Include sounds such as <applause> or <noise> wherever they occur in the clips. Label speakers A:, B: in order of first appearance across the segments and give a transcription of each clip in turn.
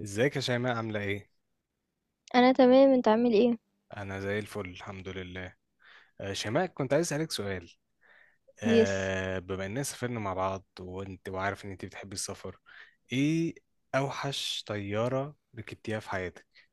A: ازيك يا شيماء؟ عاملة ايه؟
B: أنا تمام، أنت عامل إيه؟
A: أنا زي الفل الحمد لله. شيماء، كنت عايز أسألك سؤال.
B: يس.
A: بما إننا سافرنا مع بعض وأنت وعارف إن أنت بتحبي السفر. ايه أوحش طيارة ركبتيها في حياتك؟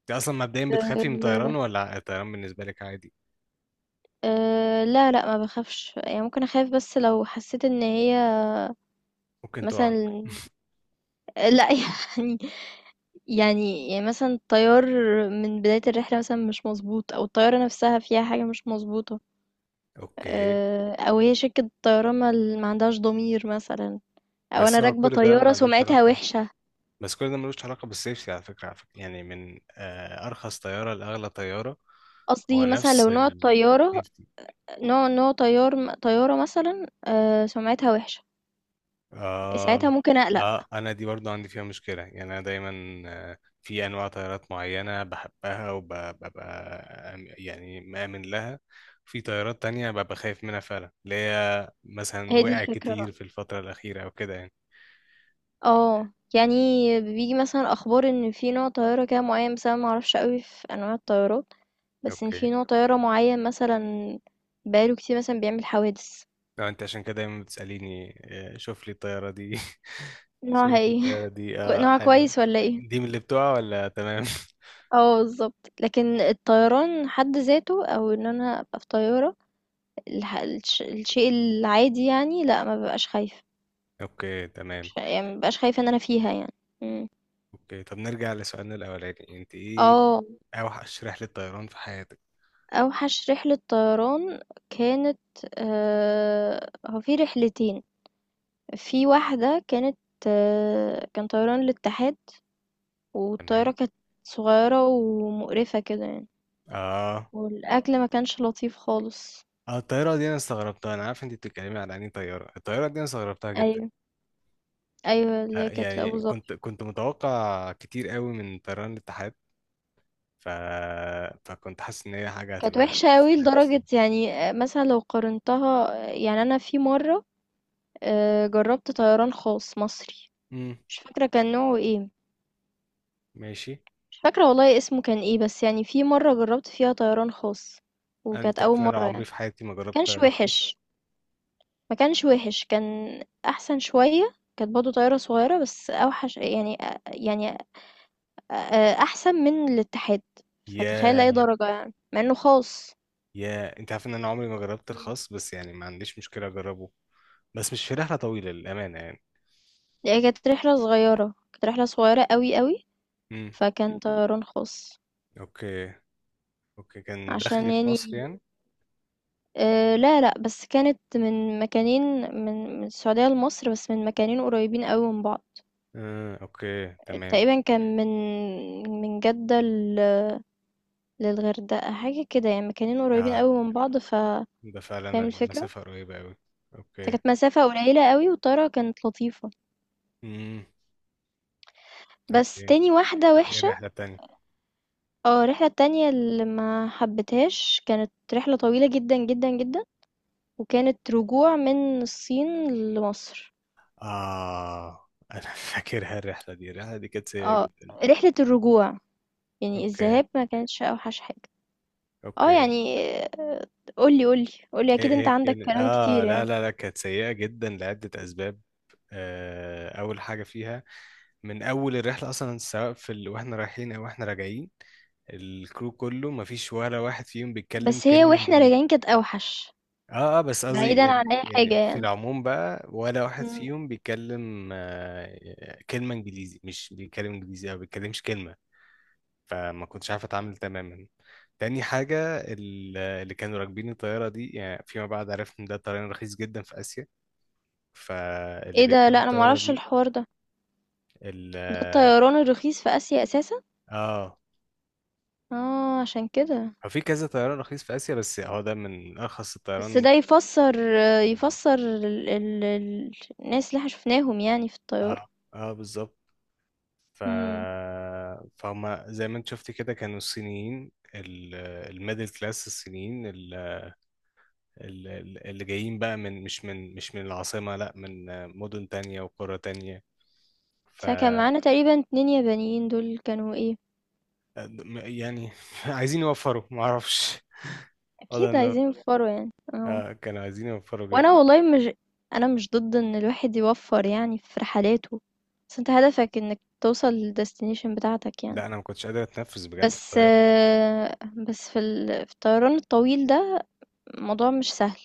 A: أنت أصلا مبدئيا
B: آه،
A: بتخافي من الطيران
B: أه
A: ولا الطيران بالنسبة لك عادي؟
B: أه لا لا ما بخافش يعني ممكن أخاف بس لو حسيت إن هي
A: ممكن تقع.
B: مثلا.
A: <laughs>
B: لا <laughs> يعني. يعني مثلا الطيار من بداية الرحلة مثلا مش مظبوط أو الطيارة نفسها فيها حاجة مش مظبوطة.
A: اوكي،
B: أه أو هي شركة طيران ما عندهاش ضمير مثلا، أو أنا
A: بس هو
B: راكبة
A: كل ده
B: طيارة
A: ملوش
B: سمعتها
A: علاقة،
B: وحشة.
A: بس كل ده ملوش علاقة بالسيفتي على فكرة، على فكرة يعني، من أرخص طيارة لأغلى طيارة، هو
B: قصدي مثلا لو
A: نفس
B: نوع الطيارة،
A: السيفتي.
B: نوع طيارة مثلا أه سمعتها وحشة، ساعتها
A: آه.
B: ممكن أقلق.
A: آه، أنا دي برضو عندي فيها مشكلة، يعني أنا دايما في أنواع طيارات معينة بحبها وببقى يعني مآمن لها، في طيارات تانية ببقى خايف منها فعلا، اللي هي مثلا
B: هي دي
A: وقع
B: الفكرة،
A: كتير في الفترة الأخيرة أو كده يعني.
B: اه يعني بيجي مثلا اخبار ان في نوع طيارة كده معين، بس انا معرفش قوي في انواع الطيارات، بس ان
A: أوكي.
B: في نوع طيارة معين مثلا بقاله كتير مثلا بيعمل حوادث.
A: لو أنت عشان كده دايما بتسأليني، شوف لي الطيارة دي، <laughs> شوف
B: نوعها
A: لي
B: ايه؟
A: الطيارة
B: <laughs>
A: دي، آه
B: نوعها
A: حلوة،
B: كويس ولا ايه؟
A: دي من اللي بتوع ولا تمام؟ <laughs>
B: اه بالظبط. لكن الطيران حد ذاته او ان انا ابقى في طيارة، الشيء العادي يعني، لا ما ببقاش خايفة.
A: أوكي تمام.
B: يعني ما ببقاش خايفة ان انا فيها يعني. مم.
A: أوكي، طب نرجع لسؤالنا الأولاني، أنت إيه
B: اه.
A: اوحش رحلة طيران في حياتك؟
B: أوحش رحلة طيران كانت، هو في رحلتين. في واحدة كانت، كان طيران الاتحاد، والطيارة
A: تمام.
B: كانت صغيرة ومقرفة كده يعني،
A: اه،
B: والأكل ما كانش لطيف خالص.
A: اه الطيارة دي انا استغربتها، انا عارف انت بتتكلمي على انهي طيارة، الطيارة دي انا استغربتها جدا.
B: أيوة، أيوة اللي
A: آه،
B: هي كانت لأبو
A: يعني كنت
B: ظبي.
A: كنت متوقع كتير قوي من طيران الاتحاد، ف... فكنت حاسس ان هي حاجة
B: كانت
A: هتبقى.
B: وحشة قوي لدرجة يعني، مثلا لو قارنتها، يعني أنا في مرة جربت طيران خاص مصري،
A: امم.
B: مش فاكرة كان نوعه ايه،
A: ماشي.
B: مش فاكرة والله اسمه كان ايه، بس يعني في مرة جربت فيها طيران خاص وكانت
A: انت
B: أول
A: عارف ان انا
B: مرة
A: عمري
B: يعني.
A: في حياتي ما جربت
B: كانش
A: طيران خاص؟
B: وحش، ما كانش وحش، كان أحسن شوية. كانت برضه طيارة صغيرة بس أوحش يعني، يعني أحسن من الاتحاد، فتخيل أي
A: يا،
B: درجة يعني مع إنه خاص.
A: يا انت عارف ان انا عمري ما جربت
B: مم.
A: الخاص، بس يعني ما عنديش مشكلة اجربه، بس مش في رحلة طويلة للأمانة يعني.
B: هي كانت رحلة صغيرة، كانت رحلة صغيرة قوي قوي،
A: امم.
B: فكان طيران خاص.
A: اوكي. اوكي، كان
B: عشان
A: دخلي في مصر
B: يعني،
A: يعني؟
B: آه لا لا، بس كانت من مكانين، من السعودية لمصر، بس من مكانين قريبين قوي من بعض.
A: اوكي تمام.
B: تقريبًا كان من جدة لل للغردقة، حاجة كده يعني، مكانين قريبين
A: آه،
B: أوي من بعض ف
A: ده فعلا
B: فاهم الفكرة؟
A: المسافة قريبة أوي. اوكي.
B: فكانت مسافة قليلة أوي، والطيارة كانت لطيفة،
A: امم.
B: بس
A: اوكي،
B: تاني واحدة
A: طب ايه
B: وِحشة.
A: الرحلة التانية؟
B: الرحلة التانية اللي ما حبيتهاش كانت رحلة طويلة جدًا، جدًا، جدًا، وكانت رجوع من الصين لمصر.
A: اه انا <laughs> فاكرها الرحلة دي، الرحلة دي كانت سيئة
B: آه،
A: جدا.
B: رحلة الرجوع، يعني
A: اوكي.
B: الذهاب ما كانتش أوحش حاجة.
A: اوكي.
B: يعني قُل لي، قُل لي، قُل لي
A: ايه
B: أكيد أنت
A: ايه
B: عندك
A: كان
B: كلام
A: اه،
B: كتير
A: لا
B: يعني.
A: لا لا كانت سيئة جدا لعدة اسباب. اول حاجة فيها من اول الرحلة اصلا، سواء في واحنا رايحين او واحنا راجعين، الكرو كله مفيش ولا واحد فيهم بيتكلم
B: بس هي
A: كلمة
B: واحنا
A: انجليزي.
B: راجعين كانت اوحش،
A: اه اه، بس قصدي
B: بعيدا عن اي حاجة
A: يعني في
B: يعني.
A: العموم بقى ولا واحد
B: مم.
A: فيهم بيتكلم كلمة انجليزي، مش بيتكلم انجليزي او بيتكلمش كلمة. فما كنتش عارف اتعامل تماما. تاني حاجة اللي كانوا راكبين الطيارة دي، يعني فيما بعد عرفت ان ده طيران رخيص جدا في اسيا، فاللي
B: ايه ده؟
A: بيركبوا
B: لا انا
A: الطيارة
B: معرفش
A: دي
B: الحوار ده،
A: ال
B: ده الطيران الرخيص في اسيا اساسا؟
A: اه،
B: اه عشان كده.
A: هو في كذا طيران رخيص في اسيا بس هو ده من ارخص
B: بس
A: الطيران.
B: ده يفسر،
A: ال-
B: يفسر الناس اللي احنا شفناهم يعني في الطيارة.
A: اه اه بالظبط. ف...
B: امم.
A: فهم زي ما انت شفت كده كانوا الصينيين، الميدل كلاس الصينيين، اللي جايين بقى من مش من، مش من العاصمة لا، من مدن تانية وقرى تانية. ف
B: فكان معانا تقريبا اتنين يابانيين، دول كانوا ايه؟
A: م- يعني <laughs> عايزين يوفروا معرفش، والله
B: اكيد
A: انه
B: عايزين يوفروا يعني
A: <laughs>
B: اه.
A: كانوا عايزين يوفروا
B: وانا
A: جدا.
B: والله مش، انا مش ضد ان الواحد يوفر يعني في رحلاته، بس انت هدفك انك توصل للديستنيشن بتاعتك يعني.
A: لا انا ما كنتش قادر اتنفس بجد في
B: بس
A: الطيارة.
B: بس في الطيران الطويل ده الموضوع مش سهل.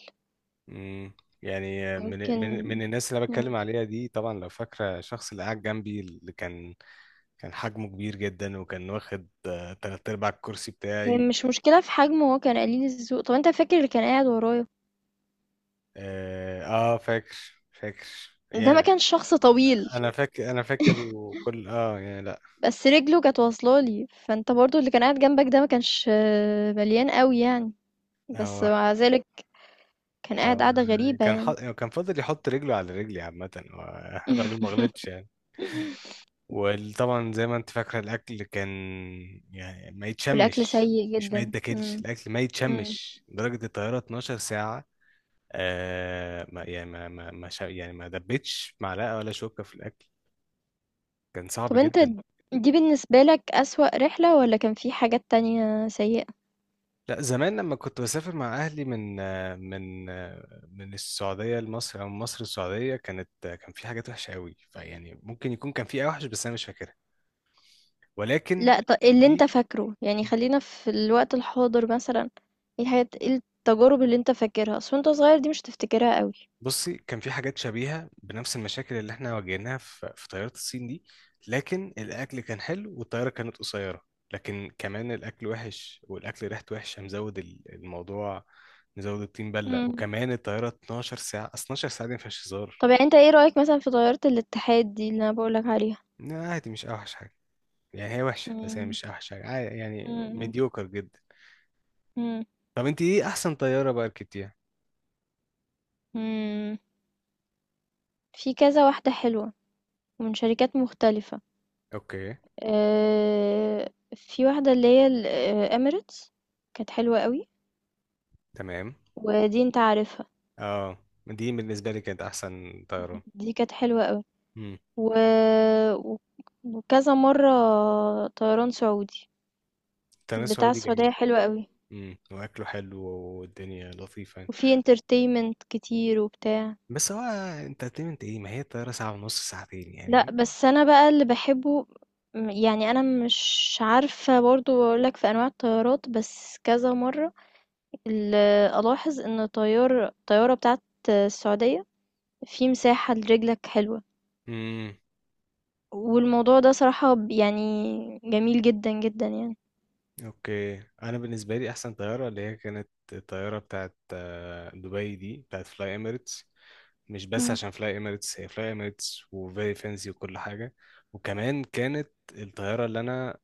A: مم. يعني من من
B: ممكن.
A: من الناس اللي أنا بتكلم
B: مم.
A: عليها دي، طبعا لو فاكرة الشخص اللي قاعد جنبي، اللي كان كان حجمه كبير جدا وكان واخد تلات ارباع الكرسي
B: هي
A: بتاعي.
B: مش مشكلة في حجمه، هو كان قليل الذوق. طب انت فاكر اللي كان قاعد ورايا؟
A: اه فاكر، فاكر
B: ده ما
A: يعني،
B: كانش شخص طويل،
A: انا فاكر، انا فاكر وكل اه يعني لا.
B: بس رجله كانت واصلة لي. فانت برضو اللي كان قاعد جنبك ده ما كانش مليان قوي يعني، بس
A: هو
B: مع ذلك كان قاعد
A: هو
B: قاعدة غريبة
A: كان
B: يعني.
A: حط... كان فاضل يحط رجله على رجلي عامة، هو <laughs> الراجل ما غلطش
B: <laughs>
A: يعني. وطبعا زي ما انت فاكرة الأكل كان يعني ما
B: والأكل
A: يتشمش،
B: سيء
A: مش ما
B: جدا.
A: يتاكلش،
B: مم.
A: الأكل ما
B: مم.
A: يتشمش، درجة الطيارة 12 ساعة. آه ما يعني ما ما ما شا- يعني ما دبتش معلقة ولا شوكة في الأكل. كان صعب
B: طب أنت
A: جدا.
B: دي بالنسبة لك أسوأ رحلة، والّا كان في حاجات تانية سيئة؟
A: لا زمان لما كنت بسافر مع اهلي من من السعوديه لمصر او من مصر السعوديه، كانت كان في حاجات وحشه قوي، فيعني ممكن يكون كان في اوحش بس انا مش فاكرها. ولكن
B: لأ، ط اللي أنت
A: دي
B: فاكره، يعني خلّينا في الوقت الحاضر مثلًا، إيه الحاجات، إيه التجارب اللي أنت فاكرها؟ أصل وأنت صغير دي مش هتفتكرها أوي.
A: بصي، كان في حاجات شبيهه بنفس المشاكل اللي احنا واجهناها في طياره الصين دي، لكن الاكل كان حلو والطياره كانت قصيره. لكن كمان الاكل وحش والاكل ريحته وحشه، مزود الموضوع، مزود الطين بله،
B: إمم.
A: وكمان الطياره 12 ساعه، أصل 12 ساعه دي ما فيهاش هزار.
B: طب يعني أنت إيه رأيك مثلًا في طيارة الاتحاد دي اللي أنا باقول لك عليها؟
A: لا عادي، مش اوحش حاجه، يعني هي وحشه بس هي
B: إمم.
A: مش اوحش حاجه، عادي
B: إمم،
A: يعني،
B: إمم.
A: مديوكر جدا.
B: إمم.
A: طب انت ايه احسن طياره بقى ركبتيها؟
B: إمم. في كذا واحدة حلوة ومن شركات مختلفة.
A: اوكي
B: في واحدة اللي هي ال Emirates، كانت حلوة أوي،
A: تمام.
B: ودي أنت عارفها.
A: اه، دي بالنسبه لي كانت احسن طياره.
B: دي كانت حلوة قوي.
A: امم.
B: و... و- وكذا مرة طيران سعودي،
A: التنس
B: بتاع
A: سعودي
B: السعودية
A: جميل.
B: حلوة قوي،
A: امم، واكله حلو والدنيا لطيفه يعني.
B: وفي انترتينمنت كتير وبتاع.
A: بس هو انترتينمنت ايه، ما هي الطياره ساعه ونص ساعتين يعني.
B: لا بس انا بقى اللي بحبه، يعني انا مش عارفة برضو اقولك في انواع الطيارات، بس كذا مرة ال- الاحظ ان الطيارة بتاعت السعودية في مساحة لرجلك حلوة،
A: امم.
B: والموضوع ده صراحة يعني جميل جدا جدا يعني.
A: اوكي، انا بالنسبه لي احسن طياره اللي هي كانت الطياره بتاعت دبي، دي بتاعت فلاي اميريتس. مش بس
B: مم.
A: عشان فلاي اميريتس هي فلاي اميريتس وفيري فانسي وكل حاجه، وكمان كانت الطياره اللي انا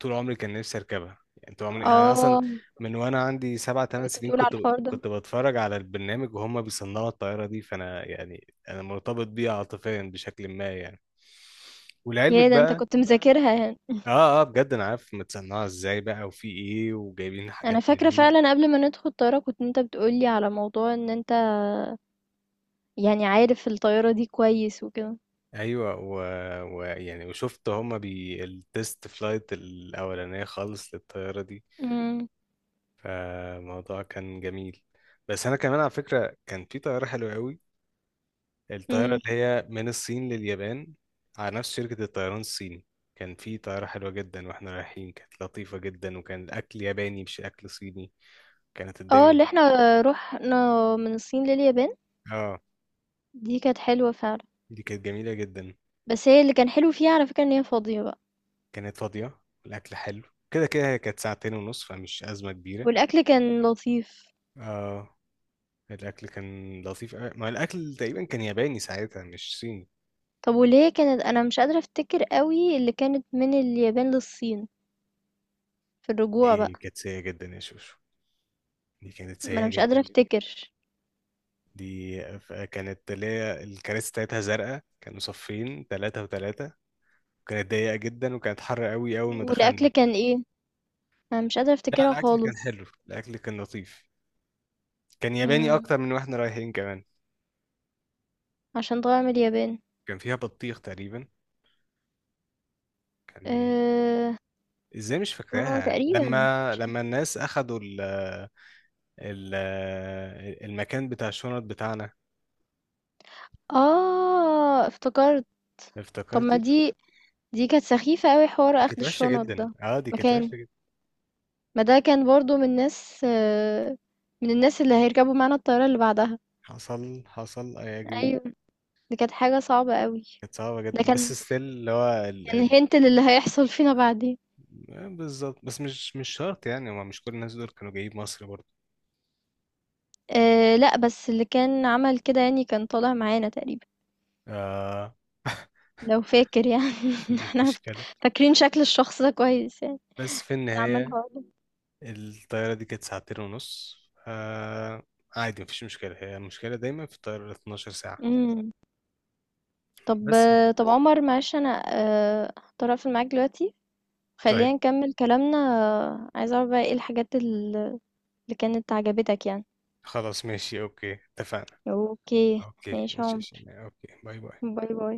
A: طول عمري كان نفسي اركبها. يعني طول عمري انا اصلا
B: اه
A: من وانا عندي سبع
B: انت
A: ثمان
B: كنت
A: سنين
B: بتقول على
A: كنت
B: الحوار ده؟
A: كنت بتفرج على البرنامج وهم بيصنعوا الطياره دي، فانا يعني انا مرتبط بيها عاطفيا بشكل ما يعني. ولعلمك
B: يا ده انت
A: بقى
B: كنت مذاكرها يعني.
A: اه، اه بجد انا عارف متصنعه ازاي بقى وفي ايه وجايبين
B: انا
A: حاجات
B: فاكره
A: منين.
B: فعلا، قبل ما ندخل الطياره كنت انت بتقولي على موضوع ان انت يعني عارف الطياره دي كويس وكده.
A: ايوه ويعني ويعني وشفت هما بي التست فلايت الاولانيه خالص للطياره دي،
B: امم.
A: فالموضوع كان جميل. بس انا كمان على فكره كان في طياره حلوه قوي، الطياره
B: امم.
A: اللي هي من الصين لليابان، على نفس شركه الطيران الصيني. كان في طياره حلوه جدا، واحنا رايحين كانت لطيفه جدا وكان الاكل ياباني مش اكل صيني، كانت
B: اه اللي
A: الدنيا
B: احنا رحنا من الصين لليابان،
A: اه،
B: دي كانت حلوه فعلا.
A: دي كانت جميله جدا.
B: بس هي اللي كان حلو فيها على فكره ان هي فاضيه بقى،
A: كانت فاضيه، الاكل حلو، كده كده هي كانت ساعتين ونص فمش ازمه كبيره.
B: والاكل كان لطيف.
A: اه، الاكل كان لطيف أوي. ما الاكل تقريبا كان ياباني ساعتها مش صيني.
B: طب واللي هي كانت، انا مش قادره افتكر قوي اللي كانت من اليابان للصين في الرجوع
A: دي
B: بقى.
A: كانت سيئه جدا يا شوشو، دي كانت
B: ما انا
A: سيئه
B: مش
A: جدا.
B: قادره افتكر.
A: كانت اللي هي الكراسي بتاعتها زرقاء، كانوا صفين ثلاثه وثلاثه، كانت ضيقه جدا وكانت حر قوي اول ما
B: والاكل
A: دخلنا.
B: كان ايه؟ انا مش قادره
A: لا
B: افتكرها
A: الاكل كان
B: خالص.
A: حلو، الاكل كان لطيف، كان ياباني
B: امم.
A: اكتر من واحنا رايحين كمان.
B: عشان طالعه من اليابان.
A: كان فيها بطيخ تقريبا. كان
B: آه.
A: ازاي مش
B: اه
A: فاكراها
B: تقريبا
A: لما
B: مش عارف.
A: لما الناس اخدوا ال... المكان بتاع الشنط بتاعنا؟
B: آه افتكرت. طب ما
A: افتكرتي؟
B: دي، دي كانت سخيفة قوي حوار
A: دي
B: اخد
A: كانت وحشة
B: الشنط
A: جدا،
B: ده.
A: اه دي كانت
B: مكان،
A: وحشة جدا.
B: ما ده كان برضو من الناس من الناس اللي هيركبوا معانا الطيارة اللي بعدها.
A: حصل، حصل اي اجري.
B: ايوه، دي كانت حاجة صعبة قوي.
A: كانت صعبة
B: ده
A: جدا، بس
B: كان،
A: ستيل اللي هو
B: كان هنت للي هيحصل فينا بعدين.
A: آه، بالظبط. بس مش شرط يعني، هما مش كل الناس دول كانوا جايين مصر برضه.
B: أه لا، بس اللي كان عمل كده يعني كان طالع معانا تقريبا،
A: آه.
B: لو فاكر يعني.
A: <laughs>
B: <laughs>
A: دي
B: احنا فت-
A: مشكلة.
B: فاكرين شكل الشخص ده كويس يعني،
A: بس في
B: اللي عمل
A: النهاية
B: الحوار
A: الطيارة دي كانت ساعتين ونص، آه عادي، مفيش مشكلة، هي المشكلة دايما في الطيارة 12 ساعة
B: ده. طب
A: بس يعني.
B: طب عمر معلش انا هضطر اقفل معاك دلوقتي.
A: طيب،
B: خلينا نكمل كلامنا، عايزه اعرف بقى ايه الحاجات اللي كانت عجبتك يعني.
A: خلاص ماشي اوكي، اتفقنا.
B: اوكي
A: اوكي
B: ماشي يا
A: ماشي، ماشي.
B: عمر،
A: اوكي باي باي.
B: باي باي.